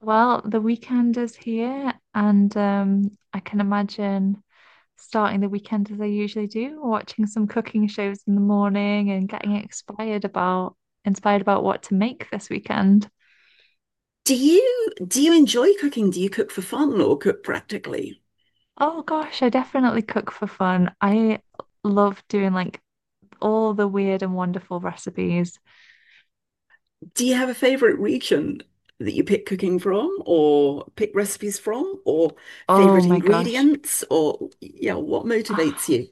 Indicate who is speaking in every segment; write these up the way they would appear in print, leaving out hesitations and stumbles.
Speaker 1: Well, the weekend is here, and I can imagine starting the weekend as I usually do, watching some cooking shows in the morning and getting inspired about what to make this weekend.
Speaker 2: Do you enjoy cooking? Do you cook for fun or cook practically?
Speaker 1: Oh gosh, I definitely cook for fun. I love doing like all the weird and wonderful recipes.
Speaker 2: Do you have a favorite region that you pick cooking from or pick recipes from or
Speaker 1: Oh
Speaker 2: favorite
Speaker 1: my gosh.
Speaker 2: ingredients or yeah, what motivates
Speaker 1: Ah,
Speaker 2: you?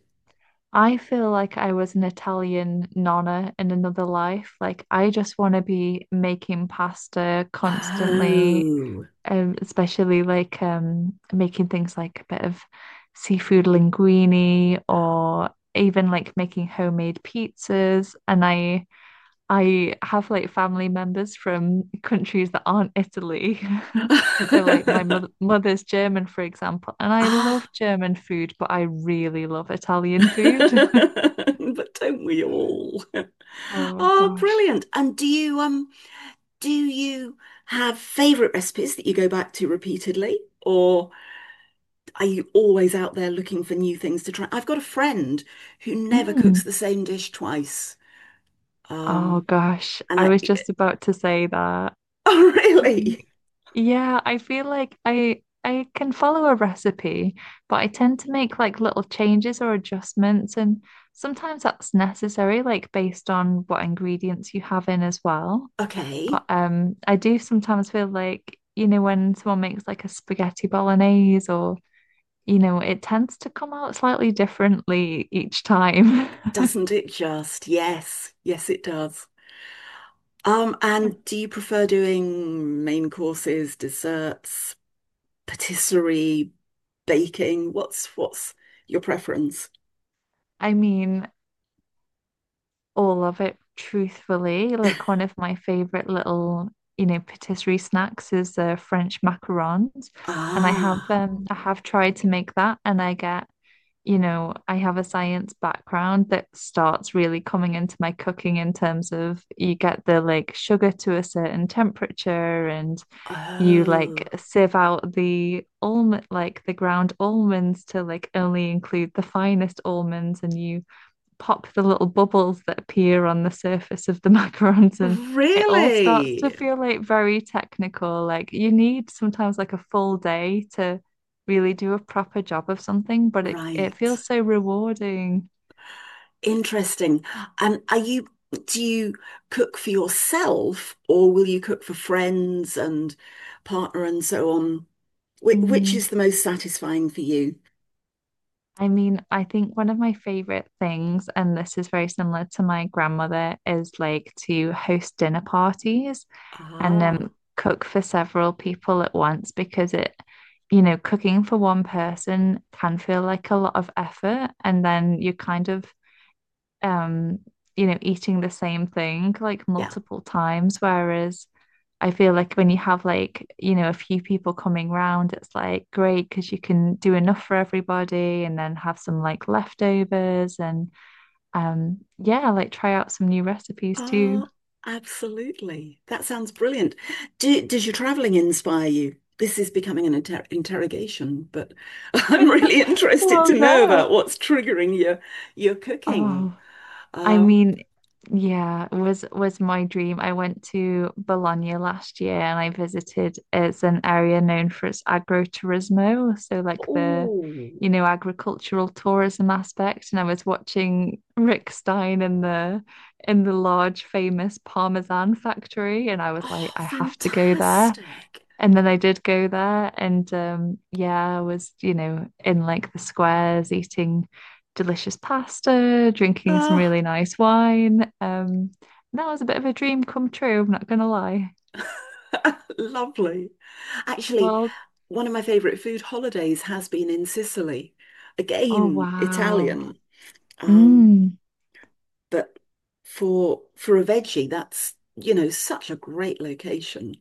Speaker 1: I feel like I was an Italian nonna in another life. Like, I just want to be making pasta constantly,
Speaker 2: Oh.
Speaker 1: especially like making things like a bit of seafood linguine or even like making homemade pizzas. And I have like family members from countries that aren't Italy. So like my mother's German, for example, and I love
Speaker 2: Ah.
Speaker 1: German food, but I really love Italian food.
Speaker 2: But don't we all?
Speaker 1: Oh
Speaker 2: Oh,
Speaker 1: gosh.
Speaker 2: brilliant. And do you do you have favorite recipes that you go back to repeatedly or Are you always out there looking for new things to try? I've got a friend who never
Speaker 1: Mm.
Speaker 2: cooks the same dish twice.
Speaker 1: Oh
Speaker 2: Um,
Speaker 1: gosh,
Speaker 2: and
Speaker 1: I
Speaker 2: I,
Speaker 1: was just about to say that.
Speaker 2: oh,
Speaker 1: I
Speaker 2: really?
Speaker 1: think. Yeah, I feel like I can follow a recipe, but I tend to make like little changes or adjustments, and sometimes that's necessary, like based on what ingredients you have in as well. But
Speaker 2: Okay.
Speaker 1: um, I do sometimes feel like, you know, when someone makes like a spaghetti bolognese or, you know, it tends to come out slightly differently each time.
Speaker 2: Doesn't it just? Yes. Yes, it does. And do you prefer doing main courses, desserts, patisserie, baking? What's your preference?
Speaker 1: I mean, all of it truthfully. Like one of my favorite little, you know, patisserie snacks is French macarons, and
Speaker 2: Ah,
Speaker 1: I have tried to make that, and I get, you know, I have a science background that starts really coming into my cooking in terms of you get the like sugar to a certain temperature and you like
Speaker 2: oh,
Speaker 1: sieve out the almond like the ground almonds to like only include the finest almonds and you pop the little bubbles that appear on the surface of the macarons and it all starts to
Speaker 2: really?
Speaker 1: feel like very technical. Like you need sometimes like a full day to really do a proper job of something, but it
Speaker 2: Right.
Speaker 1: feels so rewarding.
Speaker 2: Interesting. And do you cook for yourself or will you cook for friends and partner and so on? Which
Speaker 1: Mm.
Speaker 2: is the most satisfying for you?
Speaker 1: I mean, I think one of my favorite things, and this is very similar to my grandmother, is like to host dinner parties. and
Speaker 2: Ah,
Speaker 1: um, cook for several people at once because you know, cooking for one person can feel like a lot of effort, and then you're kind of, um, you know, eating the same thing like
Speaker 2: yeah.
Speaker 1: multiple times. Whereas I feel like when you have like, you know, a few people coming round, it's like great because you can do enough for everybody and then have some like leftovers and yeah, like try out some new recipes too.
Speaker 2: Oh, absolutely. That sounds brilliant. Does your traveling inspire you? This is becoming an interrogation, but I'm really interested
Speaker 1: Oh
Speaker 2: to know
Speaker 1: no.
Speaker 2: about what's triggering your cooking.
Speaker 1: Oh, I
Speaker 2: Um,
Speaker 1: mean, yeah, was my dream. I went to Bologna last year and I visited it's an area known for its agroturismo, so like the
Speaker 2: Oh,
Speaker 1: you know agricultural tourism aspect. And I was watching Rick Stein in the large famous Parmesan factory and I was like,
Speaker 2: oh,
Speaker 1: I have to go there.
Speaker 2: fantastic.
Speaker 1: And then I did go there, and yeah, I was, you know, in like the squares eating delicious pasta, drinking some
Speaker 2: Oh,
Speaker 1: really nice wine. That was a bit of a dream come true, I'm not gonna lie.
Speaker 2: lovely. Actually,
Speaker 1: Well,
Speaker 2: one of my favorite food holidays has been in Sicily.
Speaker 1: oh,
Speaker 2: Again,
Speaker 1: wow.
Speaker 2: Italian. Um,
Speaker 1: Mm,
Speaker 2: but for a veggie, that's, you know, such a great location.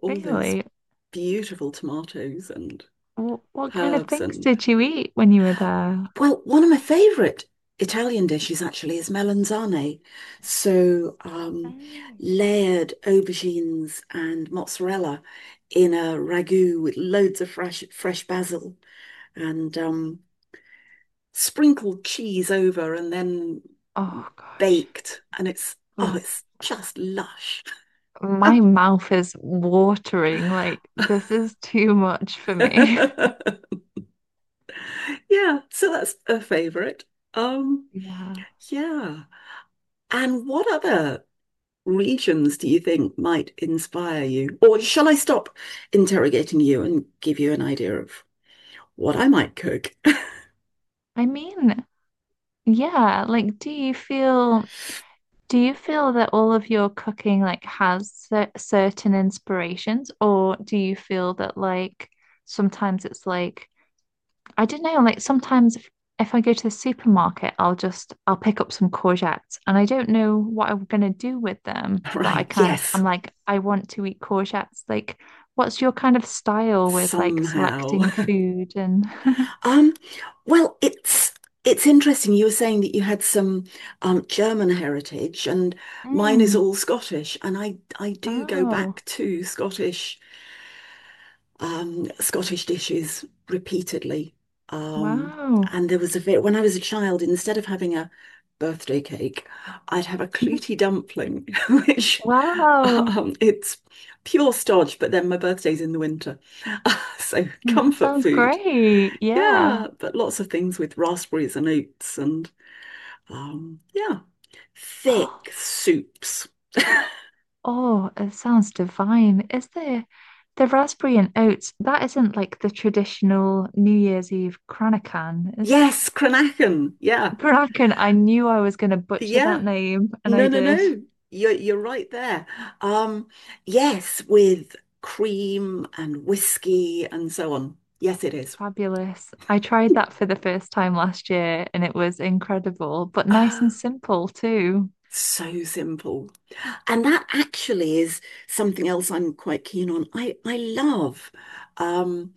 Speaker 2: All those
Speaker 1: really?
Speaker 2: beautiful tomatoes and
Speaker 1: What kind of
Speaker 2: herbs
Speaker 1: things
Speaker 2: and
Speaker 1: did you eat when you were there?
Speaker 2: Well, one of my favorite Italian dishes actually is melanzane. So,
Speaker 1: Mm.
Speaker 2: layered aubergines and mozzarella in a ragu with loads of fresh basil and sprinkled cheese over and then
Speaker 1: Oh, gosh.
Speaker 2: baked. And it's, oh,
Speaker 1: M
Speaker 2: it's just lush.
Speaker 1: My mouth is watering. Like, this is too much for me.
Speaker 2: Yeah, so that's a favorite. Um,
Speaker 1: Yeah.
Speaker 2: yeah. And what other regions do you think might inspire you? Or shall I stop interrogating you and give you an idea of what I might cook?
Speaker 1: I mean, yeah, like do you feel that all of your cooking like has certain inspirations or do you feel that like sometimes it's like I don't know like sometimes if I go to the supermarket I'll pick up some courgettes and I don't know what I'm gonna do with them but I
Speaker 2: Right,
Speaker 1: kind of
Speaker 2: yes,
Speaker 1: I'm like I want to eat courgettes like what's your kind of style with like
Speaker 2: somehow.
Speaker 1: selecting food and
Speaker 2: Um, well, it's interesting. You were saying that you had some German heritage, and mine is
Speaker 1: Mm.
Speaker 2: all Scottish, and I do go back
Speaker 1: Oh,
Speaker 2: to Scottish Scottish dishes repeatedly. Um,
Speaker 1: wow.
Speaker 2: and there was a bit when I was a child, instead of having a birthday cake, I'd have a clootie dumpling, which
Speaker 1: Wow.
Speaker 2: it's pure stodge, but then my birthday's in the winter. So
Speaker 1: Mm, that
Speaker 2: comfort
Speaker 1: sounds
Speaker 2: food.
Speaker 1: great. Yeah.
Speaker 2: Yeah, but lots of things with raspberries and oats and um, yeah, thick soups.
Speaker 1: Oh, oh, it sounds divine. Is there the raspberry and oats? That isn't like the traditional New Year's Eve Kranakan, is
Speaker 2: Yes, Cranachan. Yeah,
Speaker 1: it? Kranakan, I knew I was going to butcher that
Speaker 2: yeah.
Speaker 1: name, and I
Speaker 2: No, no,
Speaker 1: did.
Speaker 2: no. You're right there. Um, yes, with cream and whiskey and so on. Yes, it is.
Speaker 1: Fabulous. I tried that for the first time last year, and it was incredible, but nice and
Speaker 2: Oh,
Speaker 1: simple too.
Speaker 2: so simple. And that actually is something else I'm quite keen on. I love um,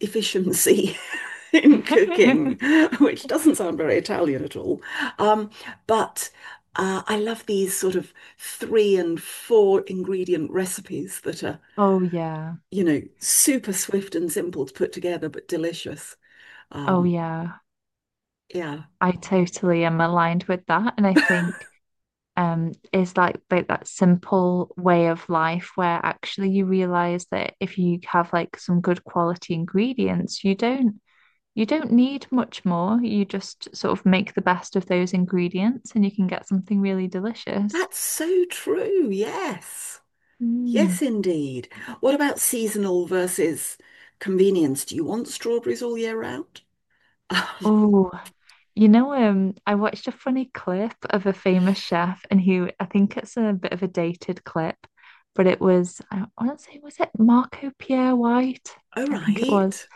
Speaker 2: efficiency in cooking, which doesn't sound very Italian at all. Um, but I love these sort of three and four ingredient recipes that are
Speaker 1: Oh, yeah.
Speaker 2: you know, super swift and simple to put together, but delicious.
Speaker 1: Oh,
Speaker 2: Um,
Speaker 1: yeah.
Speaker 2: yeah,
Speaker 1: I totally am aligned with that. And I think is like that simple way of life where actually you realize that if you have like some good quality ingredients, you don't need much more. You just sort of make the best of those ingredients and you can get something really delicious.
Speaker 2: that's so true. Yes.
Speaker 1: Mm.
Speaker 2: Yes, indeed. What about seasonal versus convenience? Do you want strawberries all year round?
Speaker 1: Oh, I watched a funny clip of a famous chef, and who I think it's a bit of a dated clip, but it was I want to say was it Marco Pierre White?
Speaker 2: Oh,
Speaker 1: I think it was.
Speaker 2: right.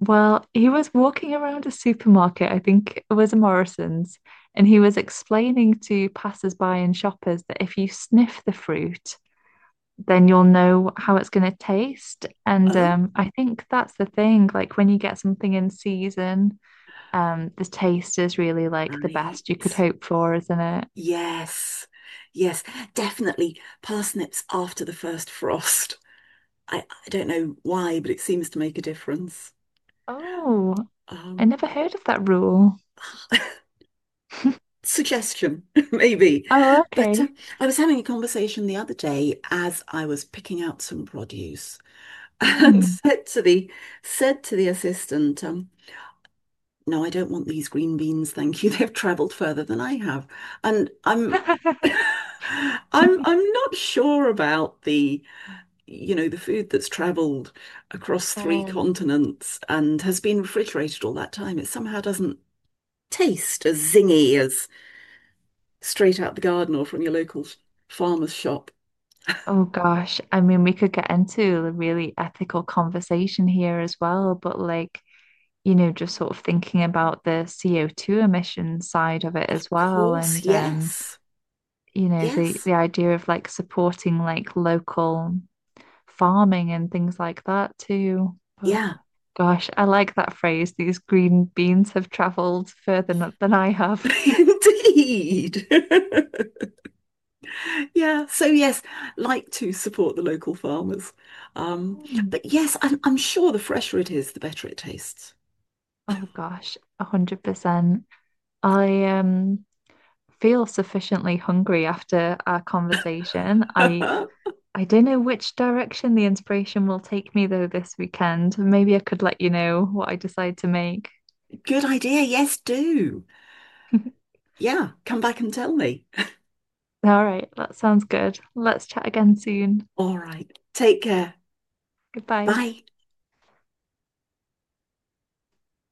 Speaker 1: Well, he was walking around a supermarket, I think it was a Morrison's, and he was explaining to passers-by and shoppers that if you sniff the fruit, then you'll know how it's going to taste. And
Speaker 2: Oh,
Speaker 1: um, I think that's the thing. Like when you get something in season, the taste is really like the
Speaker 2: right.
Speaker 1: best you could hope for, isn't it?
Speaker 2: Yes. Yes, definitely parsnips after the first frost. I don't know why, but it seems to make a difference.
Speaker 1: Oh, I
Speaker 2: Um,
Speaker 1: never heard of that rule.
Speaker 2: suggestion, maybe.
Speaker 1: Oh,
Speaker 2: But
Speaker 1: okay.
Speaker 2: I was having a conversation the other day as I was picking out some produce and
Speaker 1: Mm.
Speaker 2: said to the assistant, "No, I don't want these green beans, thank you. They've travelled further than I have." And I'm I'm not sure about the you know the food that's travelled across three
Speaker 1: Mm.
Speaker 2: continents and has been refrigerated all that time. It somehow doesn't taste as zingy as straight out the garden or from your local farmer's shop.
Speaker 1: Oh gosh, I mean, we could get into a really ethical conversation here as well, but like, you know, just sort of thinking about the CO2 emission side of it
Speaker 2: Of
Speaker 1: as well,
Speaker 2: course,
Speaker 1: and
Speaker 2: yes.
Speaker 1: you know,
Speaker 2: Yes.
Speaker 1: the idea of like supporting like local farming and things like that too. But
Speaker 2: Yeah.
Speaker 1: gosh, I like that phrase. These green beans have traveled further than I have.
Speaker 2: Indeed. Yeah. So yes, like to support the local farmers. Um,
Speaker 1: Mm.
Speaker 2: but yes, I'm sure the fresher it is, the better it tastes.
Speaker 1: Oh gosh, 100%. I feel sufficiently hungry after our conversation.
Speaker 2: Good
Speaker 1: I don't know which direction the inspiration will take me though this weekend. Maybe I could let you know what I decide to make.
Speaker 2: idea. Yes, do.
Speaker 1: All
Speaker 2: Yeah. Come back and tell me.
Speaker 1: right, that sounds good. Let's chat again soon.
Speaker 2: All right. Take care.
Speaker 1: Goodbye.
Speaker 2: Bye.